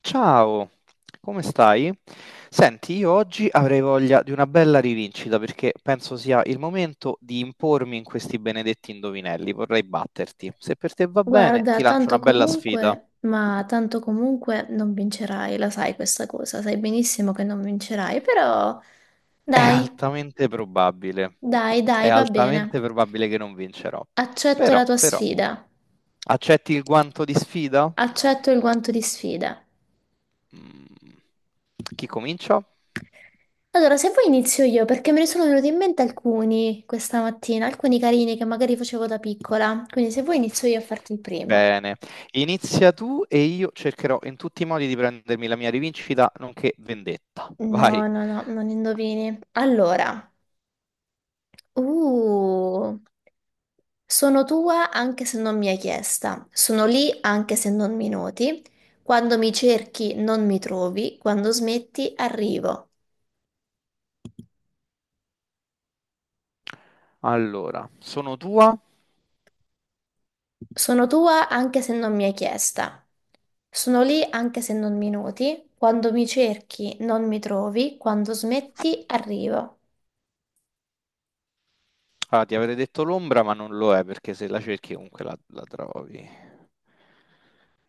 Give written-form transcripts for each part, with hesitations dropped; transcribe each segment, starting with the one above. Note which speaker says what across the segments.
Speaker 1: Ciao, come stai? Senti, io oggi avrei voglia di una bella rivincita perché penso sia il momento di impormi in questi benedetti indovinelli. Vorrei batterti. Se per te va bene,
Speaker 2: Guarda,
Speaker 1: ti lancio
Speaker 2: tanto
Speaker 1: una bella sfida.
Speaker 2: comunque, ma tanto comunque non vincerai, la sai questa cosa, sai benissimo che non vincerai, però
Speaker 1: È
Speaker 2: dai,
Speaker 1: altamente probabile, è
Speaker 2: dai, va bene.
Speaker 1: altamente probabile che non vincerò.
Speaker 2: Accetto la
Speaker 1: Però,
Speaker 2: tua
Speaker 1: però,
Speaker 2: sfida,
Speaker 1: accetti il guanto di sfida?
Speaker 2: accetto il guanto di sfida.
Speaker 1: Mm. Chi comincia?
Speaker 2: Allora, se vuoi inizio io, perché me ne sono venuti in mente alcuni questa mattina, alcuni carini che magari facevo da piccola, quindi se vuoi inizio io a farti il primo.
Speaker 1: Bene, inizia tu e io cercherò in tutti i modi di prendermi la mia rivincita, nonché vendetta.
Speaker 2: No,
Speaker 1: Vai.
Speaker 2: no, no, non indovini. Allora, uh. Sono tua anche se non mi hai chiesta, sono lì anche se non mi noti, quando mi cerchi non mi trovi, quando smetti arrivo.
Speaker 1: Allora, sono tua.
Speaker 2: Sono tua anche se non mi hai chiesta, sono lì anche se non mi noti, quando mi cerchi non mi trovi, quando smetti arrivo.
Speaker 1: Ah, ti avrei detto l'ombra, ma non lo è perché se la cerchi comunque la trovi.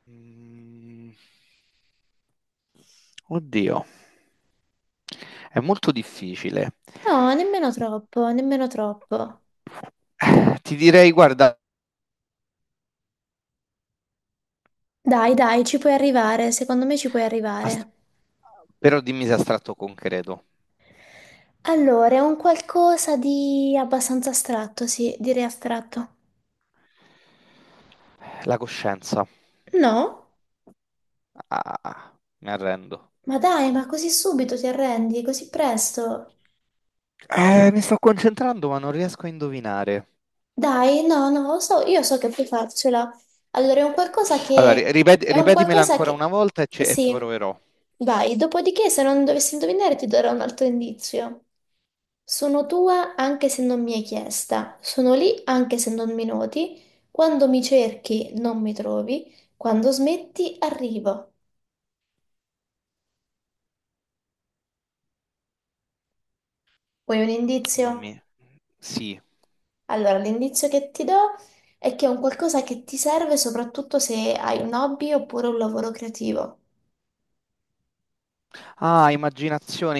Speaker 1: Mm. Oddio, è molto difficile.
Speaker 2: No, nemmeno troppo, nemmeno troppo.
Speaker 1: Ti direi, guarda,
Speaker 2: Dai, dai, ci puoi arrivare, secondo me ci puoi
Speaker 1: ast-
Speaker 2: arrivare.
Speaker 1: però dimmi se è astratto o concreto.
Speaker 2: Allora, è un qualcosa di abbastanza astratto, sì, direi astratto.
Speaker 1: La coscienza.
Speaker 2: No?
Speaker 1: Ah, mi arrendo.
Speaker 2: Ma dai, ma così subito ti arrendi, così presto?
Speaker 1: Mi sto concentrando, ma non riesco a indovinare.
Speaker 2: Dai, no, no, lo so, io so che puoi farcela. Allora, è un qualcosa
Speaker 1: Allora,
Speaker 2: che è un
Speaker 1: ripetimela
Speaker 2: qualcosa
Speaker 1: ancora una
Speaker 2: che
Speaker 1: volta e, e
Speaker 2: Sì,
Speaker 1: proverò.
Speaker 2: vai. Dopodiché, se non dovessi indovinare, ti darò un altro indizio. Sono tua anche se non mi hai chiesta. Sono lì anche se non mi noti. Quando mi cerchi, non mi trovi. Quando smetti, arrivo. Vuoi un
Speaker 1: Non
Speaker 2: indizio?
Speaker 1: mi... Sì.
Speaker 2: Allora, l'indizio che ti do è che è un qualcosa che ti serve soprattutto se hai un hobby oppure un lavoro creativo.
Speaker 1: Ah, immaginazione,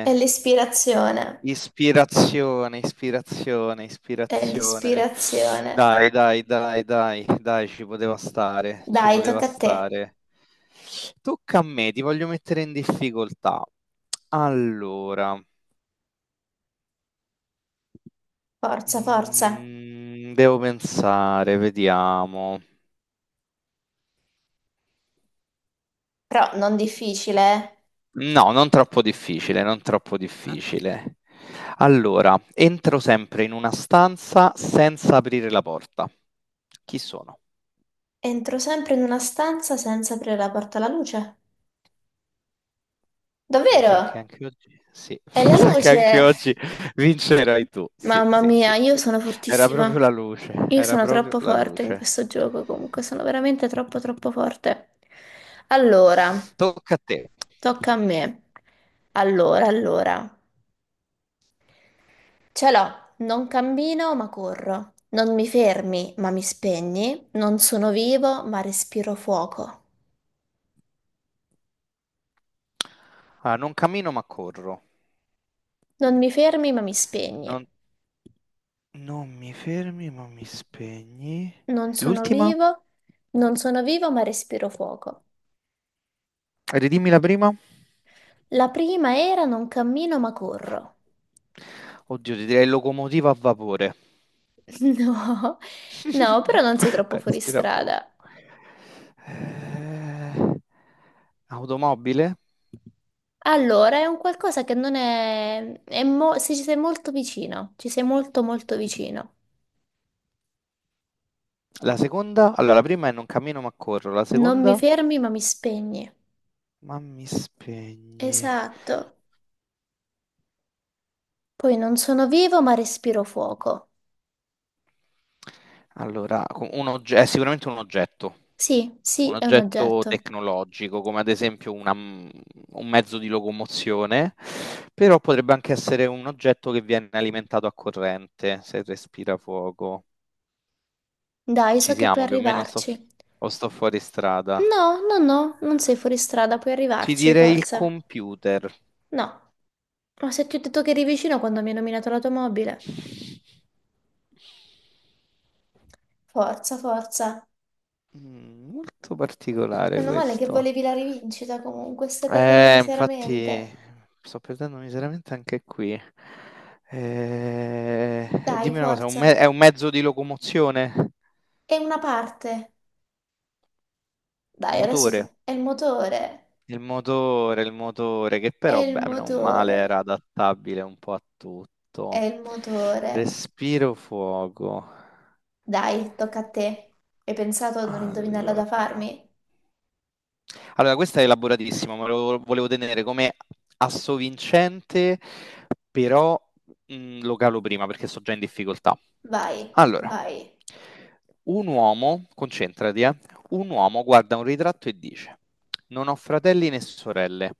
Speaker 2: È l'ispirazione,
Speaker 1: Ispirazione, ispirazione,
Speaker 2: è
Speaker 1: ispirazione.
Speaker 2: l'ispirazione.
Speaker 1: Dai, dai, dai, dai, dai, ci poteva stare, ci
Speaker 2: Dai,
Speaker 1: poteva
Speaker 2: tocca a te.
Speaker 1: stare. Tocca a me, ti voglio mettere in difficoltà. Allora,
Speaker 2: Forza, forza.
Speaker 1: devo pensare, vediamo.
Speaker 2: Però non difficile, eh.
Speaker 1: No, non troppo difficile, non troppo difficile. Allora, entro sempre in una stanza senza aprire la porta. Chi sono?
Speaker 2: Entro sempre in una stanza senza aprire la porta alla luce.
Speaker 1: Mi sa che
Speaker 2: Davvero?
Speaker 1: anche oggi, sì,
Speaker 2: È la
Speaker 1: mi sa che anche
Speaker 2: luce!
Speaker 1: oggi vincerai tu. Sì,
Speaker 2: Mamma
Speaker 1: sì,
Speaker 2: mia,
Speaker 1: sì,
Speaker 2: io
Speaker 1: sì.
Speaker 2: sono
Speaker 1: Era proprio
Speaker 2: fortissima.
Speaker 1: la luce,
Speaker 2: Io
Speaker 1: era
Speaker 2: sono
Speaker 1: proprio
Speaker 2: troppo
Speaker 1: la
Speaker 2: forte in
Speaker 1: luce.
Speaker 2: questo gioco, comunque sono veramente troppo troppo forte. Allora,
Speaker 1: Tocca a te.
Speaker 2: tocca a me. Allora, allora. Ce l'ho, non cammino ma corro. Non mi fermi ma mi spegni. Non sono vivo ma respiro fuoco.
Speaker 1: Ah, non cammino ma corro.
Speaker 2: Non mi fermi ma mi spegni.
Speaker 1: Non, non mi fermi ma mi spegni.
Speaker 2: Non sono
Speaker 1: L'ultima?
Speaker 2: vivo, non sono vivo ma respiro fuoco.
Speaker 1: Ridimmi la prima?
Speaker 2: La prima era non cammino ma corro.
Speaker 1: Oddio, ti direi locomotiva a vapore.
Speaker 2: No, no, però non sei troppo fuori
Speaker 1: Respira poco.
Speaker 2: strada.
Speaker 1: Eh, automobile?
Speaker 2: Allora, è un qualcosa che non è è mo- se ci sei molto vicino, ci sei molto molto vicino.
Speaker 1: La seconda? Allora, la prima è non cammino ma corro. La
Speaker 2: Non mi
Speaker 1: seconda?
Speaker 2: fermi, ma mi spegni.
Speaker 1: Ma mi spegni.
Speaker 2: Esatto. Poi non sono vivo, ma respiro fuoco.
Speaker 1: Allora, è sicuramente
Speaker 2: Sì, sì,
Speaker 1: un
Speaker 2: è un
Speaker 1: oggetto
Speaker 2: oggetto.
Speaker 1: tecnologico, come ad esempio un mezzo di locomozione, però potrebbe anche essere un oggetto che viene alimentato a corrente, se respira fuoco.
Speaker 2: Dai,
Speaker 1: Ci
Speaker 2: so che puoi
Speaker 1: siamo, più o meno sto,
Speaker 2: arrivarci.
Speaker 1: o sto fuori strada.
Speaker 2: No, no, no, non sei fuori strada, puoi
Speaker 1: Ti
Speaker 2: arrivarci,
Speaker 1: direi il
Speaker 2: forza.
Speaker 1: computer.
Speaker 2: No, ma se ti ho detto che eri vicino quando mi hai nominato l'automobile. Forza, forza.
Speaker 1: Molto particolare
Speaker 2: Meno male che
Speaker 1: questo.
Speaker 2: volevi la rivincita comunque, stai perdendo
Speaker 1: Infatti
Speaker 2: miseramente.
Speaker 1: sto perdendo miseramente anche qui.
Speaker 2: Dai,
Speaker 1: Dimmi una cosa,
Speaker 2: forza.
Speaker 1: è un mezzo di locomozione?
Speaker 2: È una parte. Dai, adesso
Speaker 1: Motore.
Speaker 2: te- è il motore.
Speaker 1: Il motore, il motore, che
Speaker 2: È
Speaker 1: però,
Speaker 2: il
Speaker 1: beh, non male,
Speaker 2: motore.
Speaker 1: era adattabile un po' a
Speaker 2: È
Speaker 1: tutto.
Speaker 2: il motore.
Speaker 1: Respiro fuoco.
Speaker 2: Dai, tocca a te. Hai pensato ad un indovinello da
Speaker 1: Allora.
Speaker 2: farmi?
Speaker 1: Allora, questa è elaboratissima, ma lo volevo tenere come assovincente, però lo calo prima perché sto già in difficoltà.
Speaker 2: Vai,
Speaker 1: Allora,
Speaker 2: vai.
Speaker 1: un uomo, concentrati, un uomo guarda un ritratto e dice: Non ho fratelli né sorelle,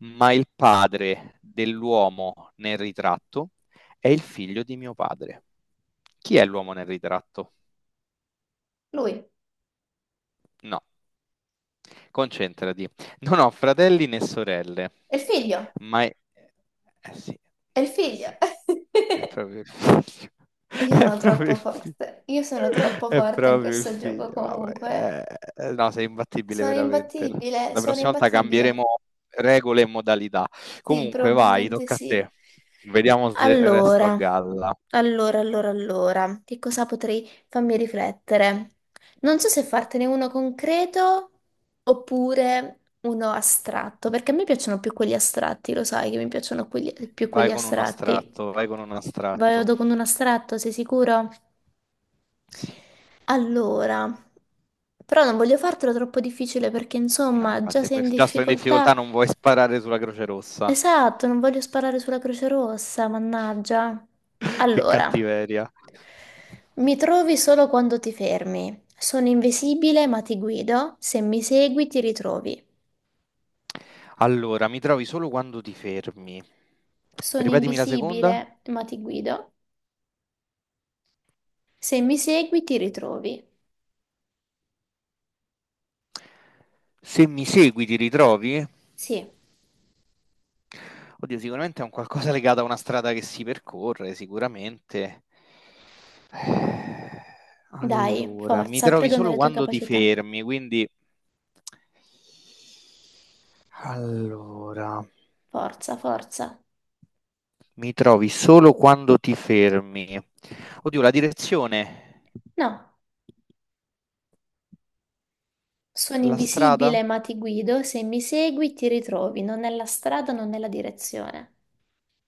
Speaker 1: ma il padre dell'uomo nel ritratto è il figlio di mio padre. Chi è l'uomo nel ritratto?
Speaker 2: Lui.
Speaker 1: No. Concentrati. Non ho fratelli né sorelle,
Speaker 2: È il figlio.
Speaker 1: ma è... Eh sì,
Speaker 2: È il
Speaker 1: eh
Speaker 2: figlio.
Speaker 1: sì, è proprio il figlio.
Speaker 2: E io
Speaker 1: È
Speaker 2: sono
Speaker 1: proprio
Speaker 2: troppo
Speaker 1: il figlio.
Speaker 2: forte. Io sono troppo
Speaker 1: È
Speaker 2: forte in
Speaker 1: proprio il
Speaker 2: questo
Speaker 1: figlio.
Speaker 2: gioco
Speaker 1: Vabbè,
Speaker 2: comunque.
Speaker 1: no, sei imbattibile
Speaker 2: Sono
Speaker 1: veramente.
Speaker 2: imbattibile,
Speaker 1: La
Speaker 2: sono
Speaker 1: prossima volta
Speaker 2: imbattibile.
Speaker 1: cambieremo regole e modalità.
Speaker 2: Sì,
Speaker 1: Comunque, vai,
Speaker 2: probabilmente
Speaker 1: tocca a
Speaker 2: sì.
Speaker 1: te. Vediamo se resto a
Speaker 2: Allora,
Speaker 1: galla.
Speaker 2: allora, che cosa potrei farmi riflettere? Non so se fartene uno concreto oppure uno astratto, perché a me piacciono più quelli astratti, lo sai che mi piacciono quelli- più
Speaker 1: Vai
Speaker 2: quelli
Speaker 1: con un
Speaker 2: astratti.
Speaker 1: astratto, vai con un astratto.
Speaker 2: Vado con un astratto, sei sicuro?
Speaker 1: Sì.
Speaker 2: Allora, però non voglio fartelo troppo difficile perché
Speaker 1: No,
Speaker 2: insomma, già
Speaker 1: infatti,
Speaker 2: sei in
Speaker 1: già sto in difficoltà,
Speaker 2: difficoltà.
Speaker 1: non vuoi sparare sulla Croce Rossa.
Speaker 2: Esatto, non voglio sparare sulla Croce Rossa, mannaggia.
Speaker 1: Che
Speaker 2: Allora,
Speaker 1: cattiveria.
Speaker 2: mi trovi solo quando ti fermi. Sono invisibile, ma ti guido. Se mi segui, ti ritrovi.
Speaker 1: Allora, mi trovi solo quando ti fermi.
Speaker 2: Sono
Speaker 1: Ripetimi la seconda.
Speaker 2: invisibile, ma ti guido. Se mi segui, ti ritrovi.
Speaker 1: Se mi segui, ti ritrovi?
Speaker 2: Sì,
Speaker 1: Oddio, sicuramente è un qualcosa legato a una strada che si percorre, sicuramente. Eh,
Speaker 2: dai,
Speaker 1: Allora, mi
Speaker 2: forza,
Speaker 1: trovi
Speaker 2: credo
Speaker 1: solo
Speaker 2: nelle tue
Speaker 1: quando ti
Speaker 2: capacità.
Speaker 1: fermi, quindi... Allora...
Speaker 2: Forza, forza.
Speaker 1: Mi trovi solo quando ti fermi. Oddio, la direzione,
Speaker 2: No, sono
Speaker 1: la
Speaker 2: invisibile,
Speaker 1: strada?
Speaker 2: ma ti guido. Se mi segui, ti ritrovi. Non è la strada, non è la direzione.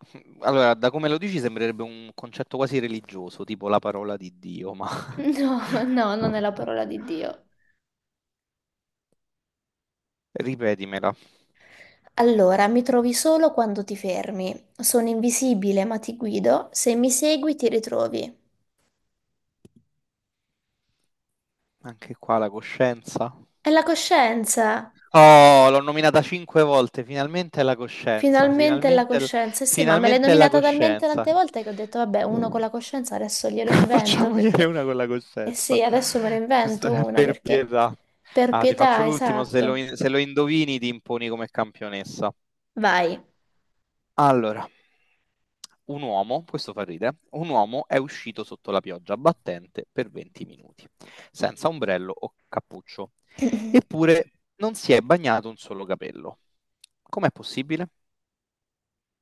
Speaker 1: Allora, da come lo dici sembrerebbe un concetto quasi religioso, tipo la parola di Dio, ma
Speaker 2: No, no, non è la parola di Dio.
Speaker 1: ripetimela.
Speaker 2: Allora, mi trovi solo quando ti fermi. Sono invisibile, ma ti guido. Se mi segui, ti ritrovi.
Speaker 1: Anche qua la coscienza.
Speaker 2: È la coscienza.
Speaker 1: Oh, l'ho nominata cinque volte, finalmente è la coscienza,
Speaker 2: Finalmente è la
Speaker 1: finalmente
Speaker 2: coscienza. Sì, ma me l'hai
Speaker 1: finalmente è la
Speaker 2: nominata talmente
Speaker 1: coscienza.
Speaker 2: tante volte che ho detto, vabbè, uno con la coscienza adesso glielo invento
Speaker 1: Facciamogliene
Speaker 2: perché
Speaker 1: una con la
Speaker 2: Eh
Speaker 1: coscienza.
Speaker 2: sì, adesso me lo
Speaker 1: Giusto,
Speaker 2: invento uno
Speaker 1: per
Speaker 2: perché
Speaker 1: pietà.
Speaker 2: Per
Speaker 1: Ah, ti faccio
Speaker 2: pietà,
Speaker 1: l'ultimo,
Speaker 2: esatto.
Speaker 1: se lo indovini ti imponi come campionessa.
Speaker 2: Vai.
Speaker 1: Allora, un uomo, questo fa ridere, un uomo è uscito sotto la pioggia battente per 20 minuti, senza ombrello o cappuccio, eppure non si è bagnato un solo capello. Com'è possibile?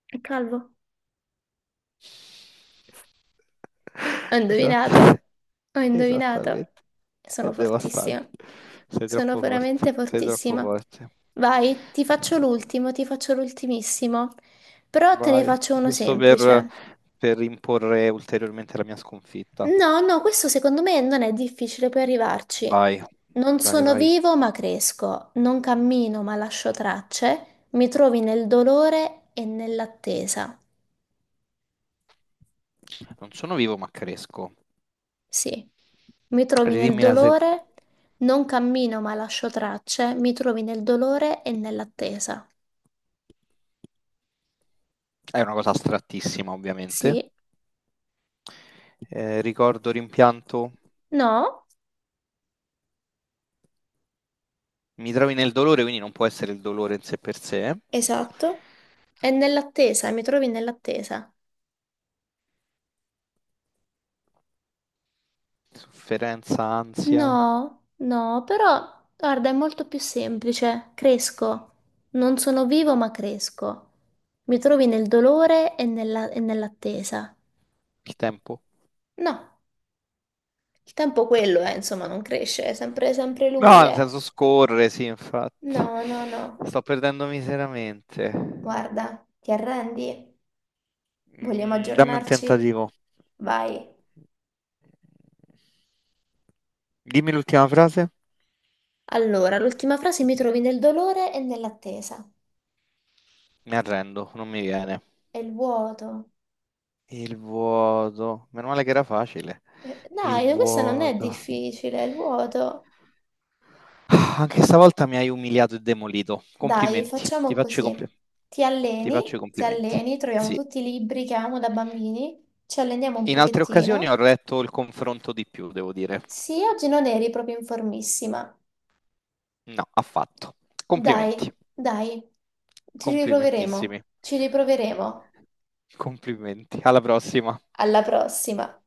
Speaker 2: È calvo. Ho
Speaker 1: Esatto.
Speaker 2: indovinato, ho indovinato.
Speaker 1: Esattamente. È
Speaker 2: Sono
Speaker 1: devastante.
Speaker 2: fortissima.
Speaker 1: Sei
Speaker 2: Sono
Speaker 1: troppo
Speaker 2: veramente
Speaker 1: forte. Sei troppo
Speaker 2: fortissima.
Speaker 1: forte.
Speaker 2: Vai, ti faccio l'ultimo, ti faccio l'ultimissimo. Però te ne
Speaker 1: Vai,
Speaker 2: faccio uno
Speaker 1: giusto per,
Speaker 2: semplice.
Speaker 1: per imporre ulteriormente la mia sconfitta.
Speaker 2: No, no, questo secondo me non è difficile, puoi arrivarci.
Speaker 1: Vai,
Speaker 2: Non
Speaker 1: vai,
Speaker 2: sono
Speaker 1: vai.
Speaker 2: vivo, ma cresco. Non cammino, ma lascio tracce. Mi trovi nel dolore e nell'attesa.
Speaker 1: Non sono vivo ma cresco.
Speaker 2: Sì, mi trovi nel
Speaker 1: Ridimmi la seconda.
Speaker 2: dolore, non cammino ma lascio tracce, mi trovi nel dolore e nell'attesa.
Speaker 1: È una cosa astrattissima, ovviamente.
Speaker 2: Sì,
Speaker 1: Ricordo, rimpianto.
Speaker 2: no,
Speaker 1: Mi trovi nel dolore, quindi non può essere il dolore in sé per sé.
Speaker 2: esatto. E nell'attesa, mi trovi nell'attesa.
Speaker 1: Sofferenza, ansia,
Speaker 2: No, no, però guarda, è molto più semplice. Cresco. Non sono vivo ma cresco. Mi trovi nel dolore e e nell'attesa.
Speaker 1: il tempo.
Speaker 2: No, il tempo quello è, insomma, non cresce, è sempre, sempre
Speaker 1: No,
Speaker 2: lui,
Speaker 1: nel
Speaker 2: eh.
Speaker 1: senso scorre, sì, infatti.
Speaker 2: No, no, no.
Speaker 1: Sto perdendo miseramente.
Speaker 2: Guarda, ti arrendi? Vogliamo
Speaker 1: Dammi un
Speaker 2: aggiornarci?
Speaker 1: tentativo.
Speaker 2: Vai.
Speaker 1: Dimmi l'ultima frase.
Speaker 2: Allora, l'ultima frase mi trovi nel dolore e nell'attesa.
Speaker 1: Mi arrendo, non mi viene.
Speaker 2: È il vuoto.
Speaker 1: Il vuoto. Meno male che era facile. Il
Speaker 2: Dai, questo non è
Speaker 1: vuoto.
Speaker 2: difficile, è il vuoto.
Speaker 1: Ah, anche stavolta mi hai umiliato e demolito.
Speaker 2: Dai,
Speaker 1: Complimenti. Ti
Speaker 2: facciamo
Speaker 1: faccio i
Speaker 2: così.
Speaker 1: compli- ti faccio i
Speaker 2: Ti
Speaker 1: complimenti.
Speaker 2: alleni, troviamo
Speaker 1: Sì.
Speaker 2: tutti i libri che amo da bambini, ci alleniamo un
Speaker 1: In altre occasioni
Speaker 2: pochettino.
Speaker 1: ho retto il confronto di più, devo dire.
Speaker 2: Sì, oggi non eri proprio in formissima.
Speaker 1: No, affatto.
Speaker 2: Dai,
Speaker 1: Complimenti.
Speaker 2: dai, ci riproveremo,
Speaker 1: Complimentissimi.
Speaker 2: ci riproveremo.
Speaker 1: Complimenti. Alla prossima.
Speaker 2: Alla prossima.